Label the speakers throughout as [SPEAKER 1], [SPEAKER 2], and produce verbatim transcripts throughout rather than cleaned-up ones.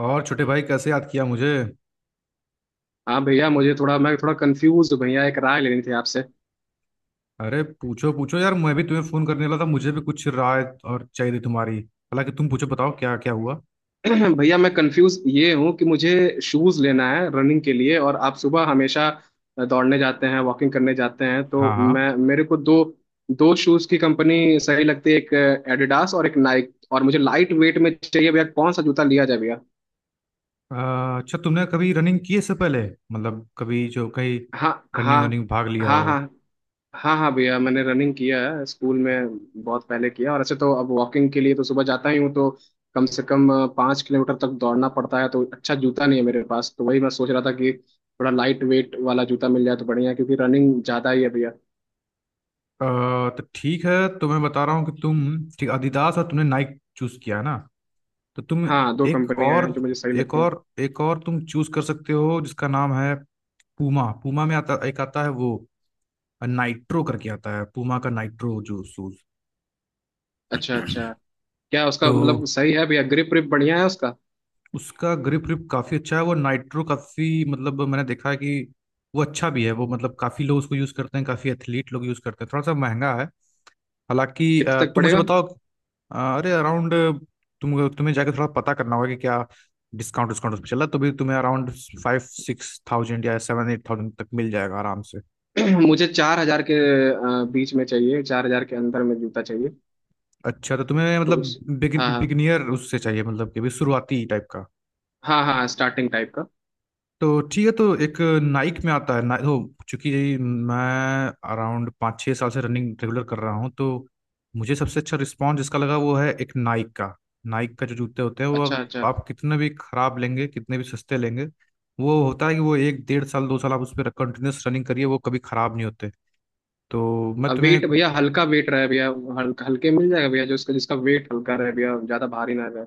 [SPEAKER 1] और छोटे भाई कैसे याद किया मुझे?
[SPEAKER 2] हाँ भैया, मुझे थोड़ा मैं थोड़ा कंफ्यूज हूँ भैया। एक राय लेनी थी आपसे।
[SPEAKER 1] अरे पूछो पूछो यार, मैं भी तुम्हें फोन करने वाला था। मुझे भी कुछ राय और चाहिए थी तुम्हारी, हालांकि तुम पूछो, बताओ क्या क्या हुआ।
[SPEAKER 2] भैया, मैं कंफ्यूज ये हूँ कि मुझे शूज लेना है रनिंग के लिए, और आप सुबह हमेशा दौड़ने जाते हैं, वॉकिंग करने जाते हैं। तो
[SPEAKER 1] हाँ हाँ।
[SPEAKER 2] मैं, मेरे को दो दो शूज की कंपनी सही लगती है, एक एडिडास और एक नाइक। और मुझे लाइट वेट में चाहिए भैया। कौन सा जूता लिया जाए भैया?
[SPEAKER 1] अ, अच्छा, तुमने कभी रनिंग की है इससे पहले? मतलब कभी जो कहीं
[SPEAKER 2] हाँ,
[SPEAKER 1] रनिंग
[SPEAKER 2] हाँ।
[SPEAKER 1] वनिंग भाग लिया
[SPEAKER 2] हाँ,
[SPEAKER 1] हो अ,
[SPEAKER 2] हाँ। हाँ, हाँ भैया, मैंने रनिंग किया है स्कूल में बहुत पहले किया। और ऐसे तो अब वॉकिंग के लिए तो सुबह जाता ही हूँ, तो कम से कम अ, पाँच किलोमीटर तक दौड़ना पड़ता है। तो अच्छा जूता नहीं है मेरे पास, तो वही मैं सोच रहा था कि थोड़ा लाइट वेट वाला जूता मिल जाए तो बढ़िया है, क्योंकि रनिंग ज़्यादा ही है भैया।
[SPEAKER 1] तो ठीक है, तो मैं बता रहा हूँ कि तुम ठीक adidas और तुमने नाइक चूज किया है ना। तो तुम
[SPEAKER 2] हाँ, दो
[SPEAKER 1] एक
[SPEAKER 2] कंपनियां
[SPEAKER 1] और
[SPEAKER 2] हैं जो मुझे सही
[SPEAKER 1] एक
[SPEAKER 2] लगती हैं।
[SPEAKER 1] और एक और तुम चूज कर सकते हो, जिसका नाम है पूमा। पूमा में आता, एक आता है वो नाइट्रो करके आता है, पूमा का नाइट्रो जो शूज।
[SPEAKER 2] अच्छा, अच्छा। क्या
[SPEAKER 1] तो
[SPEAKER 2] उसका मतलब सही है भैया? ग्रिप ग्रिप बढ़िया है उसका?
[SPEAKER 1] उसका ग्रिप ग्रिप काफी अच्छा है। वो नाइट्रो काफी, मतलब मैंने देखा है कि वो अच्छा भी है। वो मतलब काफी लोग उसको यूज करते हैं, काफी एथलीट लोग यूज करते हैं। थोड़ा सा महंगा है, हालांकि अ,
[SPEAKER 2] कितने तक
[SPEAKER 1] तुम मुझे
[SPEAKER 2] पड़ेगा?
[SPEAKER 1] बताओ। अ, अरे, अराउंड, तुम तुम्हें जाके थोड़ा पता करना होगा कि क्या डिस्काउंट डिस्काउंट उस पर चला, तो भी तुम्हें अराउंड फाइव सिक्स थाउजेंड या सेवन एट थाउजेंड तक मिल जाएगा आराम से।
[SPEAKER 2] मुझे चार हजार के अ, बीच में चाहिए, चार हजार के अंदर में जूता चाहिए।
[SPEAKER 1] अच्छा, तो तुम्हें
[SPEAKER 2] तो
[SPEAKER 1] मतलब
[SPEAKER 2] उस हाँ,
[SPEAKER 1] बिगिनियर उससे चाहिए, मतलब कि अभी शुरुआती टाइप का।
[SPEAKER 2] हाँ, हाँ, हाँ, स्टार्टिंग टाइप का।
[SPEAKER 1] तो ठीक है, तो एक नाइक में आता है ना। तो चूंकि मैं अराउंड पाँच छः साल से रनिंग रेगुलर कर रहा हूँ, तो मुझे सबसे अच्छा रिस्पॉन्स जिसका लगा वो है एक नाइक का। नाइक का जो जूते होते हैं वो,
[SPEAKER 2] अच्छा, अच्छा।
[SPEAKER 1] आप कितने भी खराब लेंगे, कितने भी सस्ते लेंगे, वो होता है कि वो एक डेढ़ साल दो साल आप उस पर कंटिन्यूस रनिंग करिए, वो कभी खराब नहीं होते। तो मैं
[SPEAKER 2] अब
[SPEAKER 1] तुम्हें,
[SPEAKER 2] वेट भैया, हल्का वेट रहे भैया। हल्का हल्के मिल जाएगा भैया, जो उसका जिसका वेट हल्का रहे भैया, ज्यादा भारी ना रहे।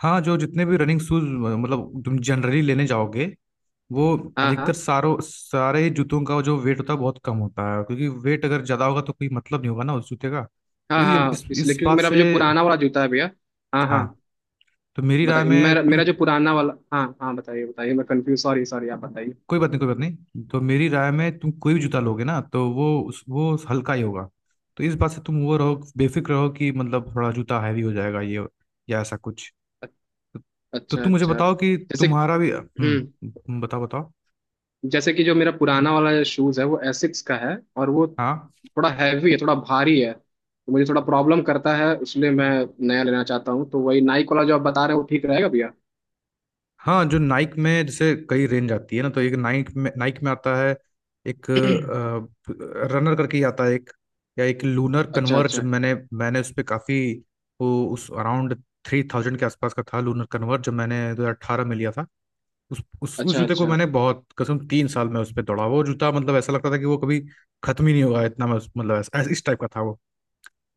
[SPEAKER 1] हाँ जो जितने भी रनिंग शूज, मतलब तुम जनरली लेने जाओगे, वो
[SPEAKER 2] हाँ,
[SPEAKER 1] अधिकतर
[SPEAKER 2] हाँ।
[SPEAKER 1] सारों सारे ही जूतों का जो वेट होता है बहुत कम होता है। क्योंकि वेट अगर ज्यादा होगा तो कोई मतलब नहीं होगा ना उस जूते का। तो
[SPEAKER 2] हाँ,
[SPEAKER 1] ये इस
[SPEAKER 2] हाँ। इसलिए
[SPEAKER 1] इस
[SPEAKER 2] क्योंकि
[SPEAKER 1] बात
[SPEAKER 2] मेरा
[SPEAKER 1] से,
[SPEAKER 2] जो पुराना वाला जूता है भैया। हाँ, हाँ,
[SPEAKER 1] हाँ, तो मेरी राय
[SPEAKER 2] बताइए। मेरा
[SPEAKER 1] में तुम
[SPEAKER 2] मेरा जो पुराना वाला, हाँ, हाँ, बताइए, बताइए। मैं कंफ्यूज। सॉरी, सॉरी, आप बताइए।
[SPEAKER 1] कोई बात नहीं, कोई बात नहीं, तो मेरी राय में तुम कोई भी जूता लोगे ना, तो वो उस- वो हल्का ही होगा। तो इस बात से तुम वो रहो, बेफिक्र रहो कि मतलब थोड़ा जूता हैवी हो जाएगा ये या ऐसा कुछ।
[SPEAKER 2] अ-
[SPEAKER 1] तो तो
[SPEAKER 2] अच्छा,
[SPEAKER 1] तुम मुझे
[SPEAKER 2] अच्छा।
[SPEAKER 1] बताओ कि
[SPEAKER 2] जैसे
[SPEAKER 1] तुम्हारा भी,
[SPEAKER 2] हम्म
[SPEAKER 1] हम्म, बताओ बताओ।
[SPEAKER 2] जैसे कि जो मेरा पुराना वाला शूज है वो एसिक्स का है, और वो
[SPEAKER 1] हाँ,
[SPEAKER 2] थोड़ा हैवी है, थोड़ा भारी है, तो मुझे थोड़ा प्रॉब्लम करता है, इसलिए मैं नया लेना चाहता हूँ। तो वही नाइक वाला जो आप बता रहे हो वो ठीक रहेगा भैया।
[SPEAKER 1] हाँ जो नाइक में जैसे कई रेंज आती है ना, तो एक नाइक में नाइक में आता है एक रनर करके ही आता है। एक या एक लूनर
[SPEAKER 2] अच्छा,
[SPEAKER 1] कन्वर्ज,
[SPEAKER 2] अच्छा।
[SPEAKER 1] मैंने मैंने उस पर काफ़ी, वो उस अराउंड थ्री थाउजेंड के आसपास का था। लूनर कन्वर्ज जो मैंने दो हज़ार अठारह में लिया था, उस उस उस
[SPEAKER 2] अच्छा,
[SPEAKER 1] जूते को
[SPEAKER 2] अच्छा।
[SPEAKER 1] मैंने बहुत कसम तीन साल में उस पर दौड़ा। वो जूता मतलब ऐसा लगता था कि वो कभी खत्म ही नहीं होगा, इतना मैं उस- मतलब ऐसा- इस टाइप का था वो।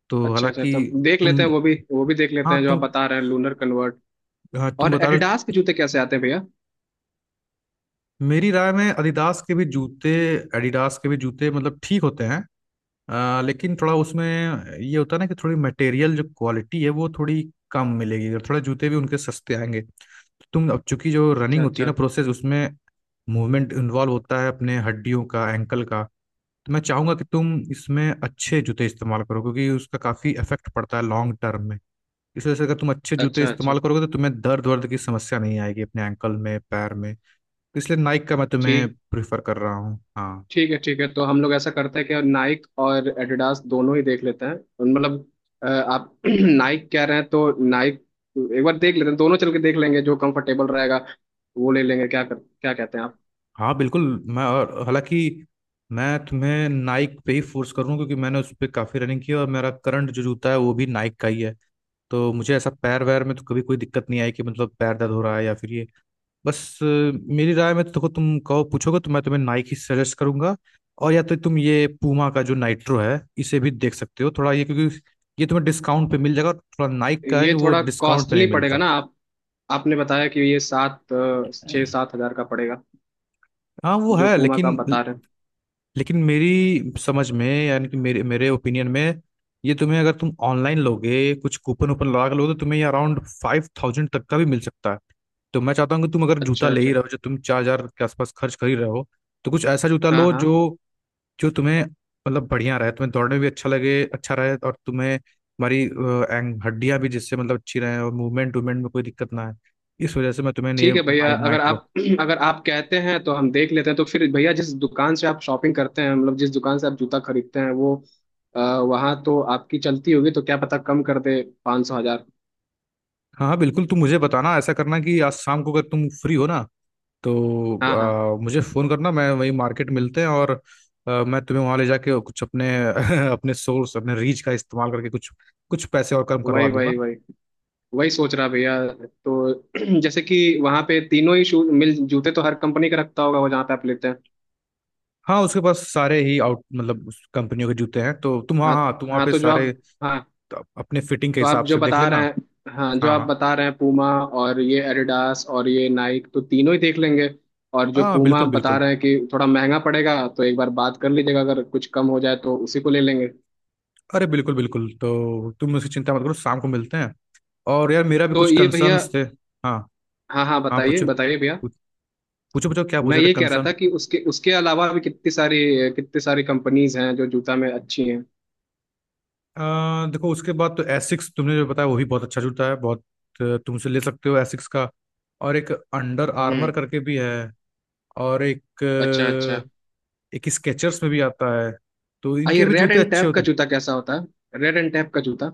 [SPEAKER 1] तो
[SPEAKER 2] अच्छा, अच्छा।
[SPEAKER 1] हालांकि
[SPEAKER 2] तब देख
[SPEAKER 1] तुम,
[SPEAKER 2] लेते हैं, वो भी, वो भी देख लेते
[SPEAKER 1] हाँ
[SPEAKER 2] हैं जो आप
[SPEAKER 1] तुम,
[SPEAKER 2] बता रहे हैं, लूनर कन्वर्ट।
[SPEAKER 1] हाँ, तुम
[SPEAKER 2] और
[SPEAKER 1] बता रहे हो।
[SPEAKER 2] एडिडास के जूते कैसे आते हैं भैया?
[SPEAKER 1] मेरी राय में adidas के भी जूते, एडिडास के भी जूते मतलब ठीक होते हैं अ, लेकिन थोड़ा उसमें ये होता है ना कि थोड़ी मटेरियल जो क्वालिटी है वो थोड़ी कम मिलेगी, और थोड़ा जूते भी उनके सस्ते आएंगे। तो तुम अब, चूंकि जो
[SPEAKER 2] अच्छा,
[SPEAKER 1] रनिंग होती है
[SPEAKER 2] अच्छा।
[SPEAKER 1] ना प्रोसेस, उसमें मूवमेंट इन्वॉल्व होता है अपने हड्डियों का, एंकल का। तो मैं चाहूंगा कि तुम इसमें अच्छे जूते इस्तेमाल करो, क्योंकि उसका काफी इफेक्ट पड़ता है लॉन्ग टर्म में। इस वजह से अगर तुम अच्छे जूते
[SPEAKER 2] अच्छा, अच्छा।
[SPEAKER 1] इस्तेमाल करोगे तो तुम्हें दर्द वर्द की समस्या नहीं आएगी अपने एंकल में, पैर में। इसलिए नाइक का मैं तुम्हें
[SPEAKER 2] ठीक
[SPEAKER 1] प्रेफर कर रहा हूँ, हाँ।
[SPEAKER 2] ठीक है, ठीक है। तो हम लोग ऐसा करते हैं कि नाइक और एडिडास दोनों ही देख लेते हैं, मतलब अ, आप नाइक कह रहे हैं तो नाइक एक बार देख लेते हैं। दोनों चल के देख लेंगे, जो कंफर्टेबल रहेगा वो ले लेंगे। क्या कर क्या कहते हैं आप?
[SPEAKER 1] हाँ बिल्कुल। मैं, और हालांकि मैं तुम्हें नाइक पे ही फोर्स करूँ, क्योंकि मैंने उस पर काफ़ी रनिंग की है और मेरा करंट जो जूता है वो भी नाइक का ही है। तो मुझे ऐसा पैर वैर में तो कभी कोई दिक्कत नहीं आई कि मतलब पैर दर्द हो रहा है या फिर ये। बस अ, मेरी राय में तो देखो, तुम कहो, पूछोगे तो मैं तुम्हें नाइक ही सजेस्ट करूंगा। और या तो तुम ये पूमा का जो नाइट्रो है इसे भी देख सकते हो, थोड़ा ये, क्योंकि ये तुम्हें डिस्काउंट पे मिल जाएगा, और थोड़ा नाइक का है
[SPEAKER 2] ये
[SPEAKER 1] कि वो
[SPEAKER 2] थोड़ा
[SPEAKER 1] डिस्काउंट पे
[SPEAKER 2] कॉस्टली
[SPEAKER 1] नहीं
[SPEAKER 2] पड़ेगा
[SPEAKER 1] मिलता।
[SPEAKER 2] ना आप आपने बताया कि ये सात अ, छः सात हजार का पड़ेगा,
[SPEAKER 1] हाँ वो
[SPEAKER 2] जो
[SPEAKER 1] है,
[SPEAKER 2] पूमा का आप
[SPEAKER 1] लेकिन,
[SPEAKER 2] बता रहे हैं।
[SPEAKER 1] लेकिन मेरी समझ में यानी कि मेरे मेरे ओपिनियन में ये तुम्हें, अगर तुम ऑनलाइन लोगे, कुछ कूपन वूपन लगा के लोगे, तो तुम्हें ये अराउंड फाइव थाउजेंड तक का भी मिल सकता है। तो मैं चाहता हूँ कि तुम अगर जूता
[SPEAKER 2] अच्छा,
[SPEAKER 1] ले ही
[SPEAKER 2] अच्छा।
[SPEAKER 1] रहे हो, जो तुम चार हजार के आसपास खर्च कर ही रहे हो, तो कुछ ऐसा जूता
[SPEAKER 2] हाँ,
[SPEAKER 1] लो
[SPEAKER 2] हाँ।
[SPEAKER 1] जो, जो तुम्हें मतलब बढ़िया रहे, तुम्हें दौड़ने में भी अच्छा लगे, अच्छा रहे, और तुम्हें हमारी हड्डियां भी जिससे मतलब अच्छी रहे, और मूवमेंट वूवमेंट में कोई दिक्कत ना आए। इस वजह से मैं तुम्हें ये
[SPEAKER 2] ठीक है भैया, अगर
[SPEAKER 1] नाइट्रो।
[SPEAKER 2] आप अगर आप कहते हैं तो हम देख लेते हैं। तो फिर भैया, जिस दुकान से आप शॉपिंग करते हैं, मतलब जिस दुकान से आप जूता खरीदते हैं, वो आ, वहाँ तो आपकी चलती होगी, तो क्या पता कम कर दे, पाँच सौ, हजार।
[SPEAKER 1] हाँ हाँ बिल्कुल, तुम मुझे बताना, ऐसा करना कि आज शाम को अगर तुम फ्री हो ना, तो
[SPEAKER 2] हाँ, हाँ।
[SPEAKER 1] आ, मुझे फ़ोन करना, मैं वही मार्केट मिलते हैं। और आ, मैं तुम्हें वहाँ ले जाके कुछ अपने अपने सोर्स, अपने रीच का इस्तेमाल करके कुछ कुछ पैसे और कम करवा
[SPEAKER 2] वही,
[SPEAKER 1] दूंगा।
[SPEAKER 2] वही, वही। वही सोच रहा भैया। तो जैसे कि वहाँ पे तीनों ही शूज मिल जूते तो हर कंपनी का रखता होगा वो, जहाँ पे आप लेते हैं।
[SPEAKER 1] हाँ, उसके पास सारे ही आउट, मतलब उस कंपनियों के जूते हैं, तो तुम, हाँ
[SPEAKER 2] हाँ,
[SPEAKER 1] हाँ, तुम वहाँ
[SPEAKER 2] हाँ।
[SPEAKER 1] पे
[SPEAKER 2] तो जो
[SPEAKER 1] सारे
[SPEAKER 2] आप हाँ,
[SPEAKER 1] त- अपने फिटिंग के
[SPEAKER 2] तो आप
[SPEAKER 1] हिसाब
[SPEAKER 2] जो
[SPEAKER 1] से देख
[SPEAKER 2] बता रहे
[SPEAKER 1] लेना।
[SPEAKER 2] हैं, हाँ, जो
[SPEAKER 1] हाँ
[SPEAKER 2] आप
[SPEAKER 1] हाँ,
[SPEAKER 2] बता रहे हैं, पूमा और ये एडिडास और ये नाइक, तो तीनों ही देख लेंगे। और जो
[SPEAKER 1] हाँ
[SPEAKER 2] पूमा
[SPEAKER 1] बिल्कुल
[SPEAKER 2] बता
[SPEAKER 1] बिल्कुल,
[SPEAKER 2] रहे हैं कि थोड़ा महंगा पड़ेगा, तो एक बार बात कर लीजिएगा, अगर कुछ कम हो जाए तो उसी को ले लेंगे।
[SPEAKER 1] अरे बिल्कुल बिल्कुल। तो तुम उसकी चिंता मत करो, शाम को मिलते हैं। और यार मेरा भी
[SPEAKER 2] तो
[SPEAKER 1] कुछ
[SPEAKER 2] ये भैया,
[SPEAKER 1] कंसर्न्स थे। हाँ
[SPEAKER 2] हाँ, हाँ,
[SPEAKER 1] हाँ
[SPEAKER 2] बताइए,
[SPEAKER 1] पूछो,
[SPEAKER 2] बताइए भैया।
[SPEAKER 1] पूछो पूछो क्या
[SPEAKER 2] मैं
[SPEAKER 1] पूछे थे
[SPEAKER 2] ये कह रहा
[SPEAKER 1] कंसर्न?
[SPEAKER 2] था कि उसके उसके अलावा भी कितनी सारी कितनी सारी कंपनीज हैं जो जूता में अच्छी हैं।
[SPEAKER 1] आ, देखो, उसके बाद तो एसिक्स तुमने जो बताया वो भी बहुत अच्छा जूता है बहुत। अ, तुम उसे ले सकते हो एसिक्स का। और एक अंडर आर्मर
[SPEAKER 2] हम्म।
[SPEAKER 1] करके भी है। और एक
[SPEAKER 2] अच्छा, अच्छा।
[SPEAKER 1] अ, एक स्केचर्स में भी आता है। तो
[SPEAKER 2] आ ये
[SPEAKER 1] इनके भी
[SPEAKER 2] रेड
[SPEAKER 1] जूते
[SPEAKER 2] एंड
[SPEAKER 1] अच्छे
[SPEAKER 2] टैप का
[SPEAKER 1] होते हैं।
[SPEAKER 2] जूता कैसा होता है? रेड एंड टैप का जूता?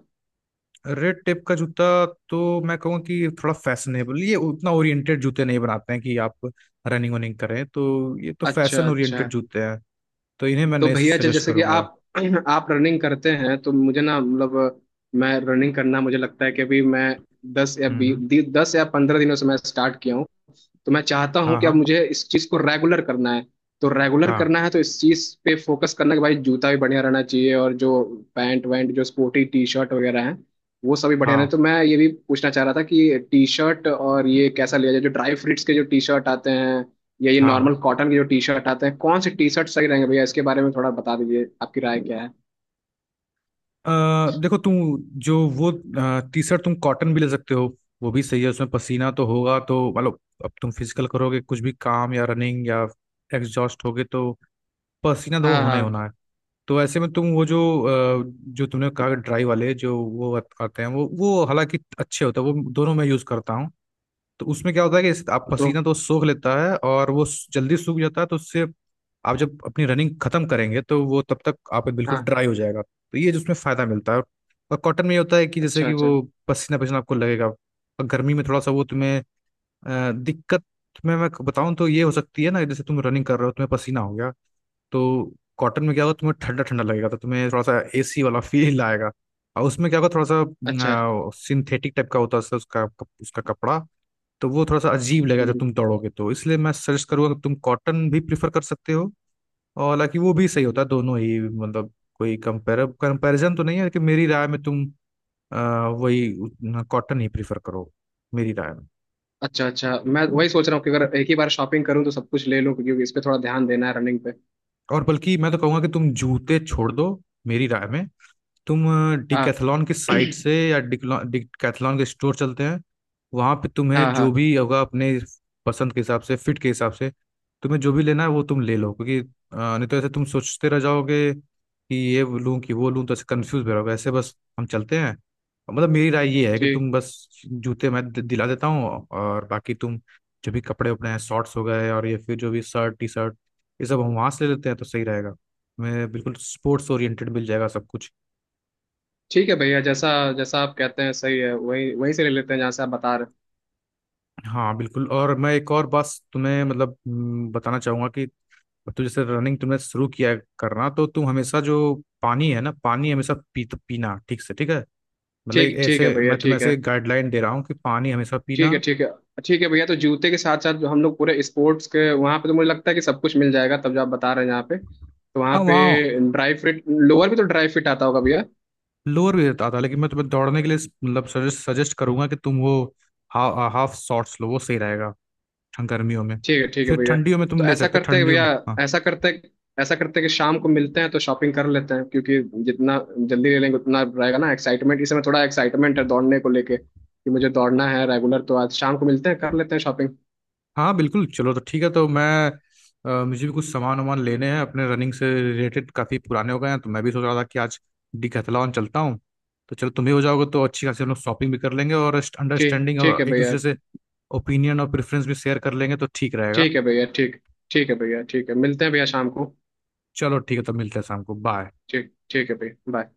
[SPEAKER 1] रेड टेप का जूता, तो मैं कहूँगा कि थोड़ा फैशनेबल ये, उतना ओरिएंटेड जूते नहीं बनाते हैं कि आप रनिंग वनिंग करें। तो ये तो
[SPEAKER 2] अच्छा,
[SPEAKER 1] फैशन
[SPEAKER 2] अच्छा।
[SPEAKER 1] ओरिएंटेड जूते हैं, तो इन्हें मैं
[SPEAKER 2] तो
[SPEAKER 1] नहीं
[SPEAKER 2] भैया जी,
[SPEAKER 1] सजेस्ट
[SPEAKER 2] जैसे कि
[SPEAKER 1] करूंगा।
[SPEAKER 2] आप आप रनिंग करते हैं तो मुझे ना, मतलब मैं रनिंग करना, मुझे लगता है कि अभी मैं दस या
[SPEAKER 1] हम्म
[SPEAKER 2] बी
[SPEAKER 1] हम्म,
[SPEAKER 2] दस या पंद्रह दिनों से मैं स्टार्ट किया हूँ। तो मैं चाहता हूँ
[SPEAKER 1] हाँ
[SPEAKER 2] कि अब
[SPEAKER 1] हाँ,
[SPEAKER 2] मुझे इस चीज को रेगुलर करना है। तो रेगुलर
[SPEAKER 1] हाँ
[SPEAKER 2] करना है, तो इस चीज पे फोकस करना कि भाई जूता भी बढ़िया रहना चाहिए, और जो पैंट वैंट, जो स्पोर्टी टी शर्ट वगैरह है, वो सभी बढ़िया रहे।
[SPEAKER 1] हाँ,
[SPEAKER 2] तो मैं ये भी पूछना चाह रहा था कि टी शर्ट और ये कैसा लिया जाए, जो ड्राई फ्रूट्स के जो टी शर्ट आते हैं, या ये
[SPEAKER 1] हाँ हाँ,
[SPEAKER 2] नॉर्मल कॉटन के जो टी शर्ट आते हैं, कौन से टी शर्ट सही रहेंगे भैया? इसके बारे में थोड़ा बता दीजिए, आपकी राय क्या है?
[SPEAKER 1] अ, देखो, तुम जो वो टी शर्ट तुम कॉटन भी ले सकते हो, वो भी सही है, उसमें पसीना तो होगा तो मतलब, अब तुम फिजिकल करोगे कुछ भी काम या रनिंग या एग्जॉस्ट होगे, तो पसीना तो वो
[SPEAKER 2] हाँ,
[SPEAKER 1] होना ही
[SPEAKER 2] हाँ।
[SPEAKER 1] होना है। तो ऐसे में तुम वो जो अ, जो तुमने कहा ड्राई वाले जो वो आत- आते हैं, वो वो हालांकि अच्छे होते हैं, वो दोनों मैं यूज़ करता हूँ। तो उसमें क्या होता है कि इस- आप
[SPEAKER 2] तो
[SPEAKER 1] पसीना तो सोख लेता है, और वो स- जल्दी सूख जाता है। तो उससे आप जब अपनी रनिंग खत्म करेंगे तो वो तब तक आपका बिल्कुल
[SPEAKER 2] हाँ,
[SPEAKER 1] ड्राई हो जाएगा, तो ये जिसमें फायदा मिलता है। और कॉटन में ये होता है कि जैसे
[SPEAKER 2] अच्छा,
[SPEAKER 1] कि
[SPEAKER 2] अच्छा।
[SPEAKER 1] वो पसीना पसीना आपको लगेगा, और गर्मी में थोड़ा सा वो तुम्हें अ, दिक्कत में मैं बताऊं तो ये हो सकती है ना, जैसे तुम रनिंग कर रहे हो, तुम्हें पसीना हो गया, तो कॉटन में क्या होगा, तुम्हें ठंडा ठंडा लगेगा, तो तुम्हें थोड़ा सा एसी वाला फील आएगा। और उसमें क्या होगा, थोड़ा
[SPEAKER 2] अच्छा,
[SPEAKER 1] सा सिंथेटिक टाइप का होता है उसका उसका उसका कपड़ा। तो वो थोड़ा सा अजीब लगेगा जब तुम दौड़ोगे, तो इसलिए मैं सजेस्ट करूंगा कि तुम कॉटन भी प्रिफर कर सकते हो। और हालांकि वो भी सही होता है, दोनों ही मतलब कोई कंपेयर कंपैरिजन तो नहीं है, लेकिन मेरी राय में तुम आ, वही कॉटन ही प्रिफर करो, मेरी राय में।
[SPEAKER 2] अच्छा। अच्छा, मैं वही सोच रहा हूँ कि अगर एक ही बार शॉपिंग करूँ तो सब कुछ ले लूँ, क्योंकि इस पे थोड़ा ध्यान देना है रनिंग पे।
[SPEAKER 1] और बल्कि मैं तो कहूंगा कि तुम जूते छोड़ दो। मेरी राय में तुम
[SPEAKER 2] हाँ
[SPEAKER 1] डिकैथलॉन की साइट से या डिकैथलॉन के स्टोर चलते हैं, वहाँ पे तुम्हें
[SPEAKER 2] हाँ,
[SPEAKER 1] जो
[SPEAKER 2] हाँ।
[SPEAKER 1] भी होगा अपने पसंद के हिसाब से, फिट के हिसाब से, तुम्हें जो भी लेना है वो तुम ले लो। क्योंकि अ, नहीं तो ऐसे तुम सोचते रह जाओगे कि ये लूं कि वो लूं, तो ऐसे कंफ्यूज भी रहोगे। ऐसे बस हम चलते हैं, मतलब मेरी राय ये है कि
[SPEAKER 2] ठीक
[SPEAKER 1] तुम बस जूते मैं दि- दिला देता हूँ, और बाकी तुम जो भी कपड़े उपड़े हैं, शॉर्ट्स हो गए और ये फिर जो भी शर्ट टी शर्ट, ये सब हम वहाँ से ले लेते हैं तो सही रहेगा। मैं बिल्कुल स्पोर्ट्स ओरिएंटेड मिल जाएगा सब कुछ।
[SPEAKER 2] ठीक है भैया, जैसा जैसा आप कहते हैं सही है, वही वहीं से ले लेते हैं जहाँ से आप बता रहे हैं।
[SPEAKER 1] हाँ बिल्कुल, और मैं एक और बात तुम्हें मतलब, हम्म, बताना चाहूंगा कि तू, जैसे रनिंग तुमने शुरू किया है करना, तो तुम हमेशा जो पानी है ना, पानी हमेशा पी पीना ठीक से, ठीक है। मतलब एक
[SPEAKER 2] ठीक ठीक है
[SPEAKER 1] ऐसे
[SPEAKER 2] भैया।
[SPEAKER 1] मैं तुम्हें
[SPEAKER 2] ठीक है।
[SPEAKER 1] ऐसे गाइडलाइन दे रहा हूँ कि पानी हमेशा
[SPEAKER 2] ठीक है।
[SPEAKER 1] पीना।
[SPEAKER 2] ठीक है। ठीक है भैया। तो जूते के साथ साथ जो हम लोग पूरे स्पोर्ट्स के वहाँ पे, तो मुझे लगता है कि सब कुछ मिल जाएगा, तब जो आप बता रहे हैं यहाँ पे, तो वहाँ
[SPEAKER 1] हाँ वहाँ
[SPEAKER 2] पे ड्राई फिट लोअर भी, तो ड्राई फिट आता होगा भैया?
[SPEAKER 1] लोअर भी रहता था, लेकिन मैं तुम्हें दौड़ने के लिए मतलब सजेस्ट सजेस्ट करूंगा कि तुम वो हा, हाफ शॉर्ट्स लो, वो सही रहेगा ठं- गर्मियों में।
[SPEAKER 2] ठीक है, ठीक है
[SPEAKER 1] फिर
[SPEAKER 2] भैया।
[SPEAKER 1] ठंडियों में तुम
[SPEAKER 2] तो
[SPEAKER 1] ले
[SPEAKER 2] ऐसा
[SPEAKER 1] सकते हो
[SPEAKER 2] करते हैं
[SPEAKER 1] ठंडियों
[SPEAKER 2] भैया,
[SPEAKER 1] में, हाँ।
[SPEAKER 2] ऐसा करते ऐसा करते हैं कि शाम को मिलते हैं तो शॉपिंग कर लेते हैं, क्योंकि जितना जल्दी ले लेंगे उतना रहेगा ना एक्साइटमेंट। इस समय थोड़ा एक्साइटमेंट है दौड़ने को लेके कि मुझे दौड़ना है रेगुलर, तो आज शाम को मिलते हैं, कर लेते हैं शॉपिंग।
[SPEAKER 1] हाँ बिल्कुल, चलो तो ठीक है, तो मैं अ, मुझे भी कुछ सामान वामान लेने हैं अपने रनिंग से रिलेटेड, काफ़ी पुराने हो गए हैं, तो मैं भी सोच रहा था कि आज डिकैथलॉन चलता हूँ। तो चलो, तुम भी हो जाओगे तो अच्छी खासी हम लोग शॉपिंग भी कर लेंगे, और
[SPEAKER 2] ठीक
[SPEAKER 1] अंडरस्टैंडिंग
[SPEAKER 2] ठीक
[SPEAKER 1] और
[SPEAKER 2] है
[SPEAKER 1] एक
[SPEAKER 2] भैया।
[SPEAKER 1] दूसरे से ओपिनियन और प्रेफरेंस भी शेयर कर लेंगे, तो ठीक रहेगा।
[SPEAKER 2] ठीक है भैया। ठीक ठीक है भैया। ठीक है, मिलते हैं भैया शाम को।
[SPEAKER 1] चलो ठीक है, तो मिलते हैं शाम को, बाय।
[SPEAKER 2] ठीक ठीक है भैया। बाय।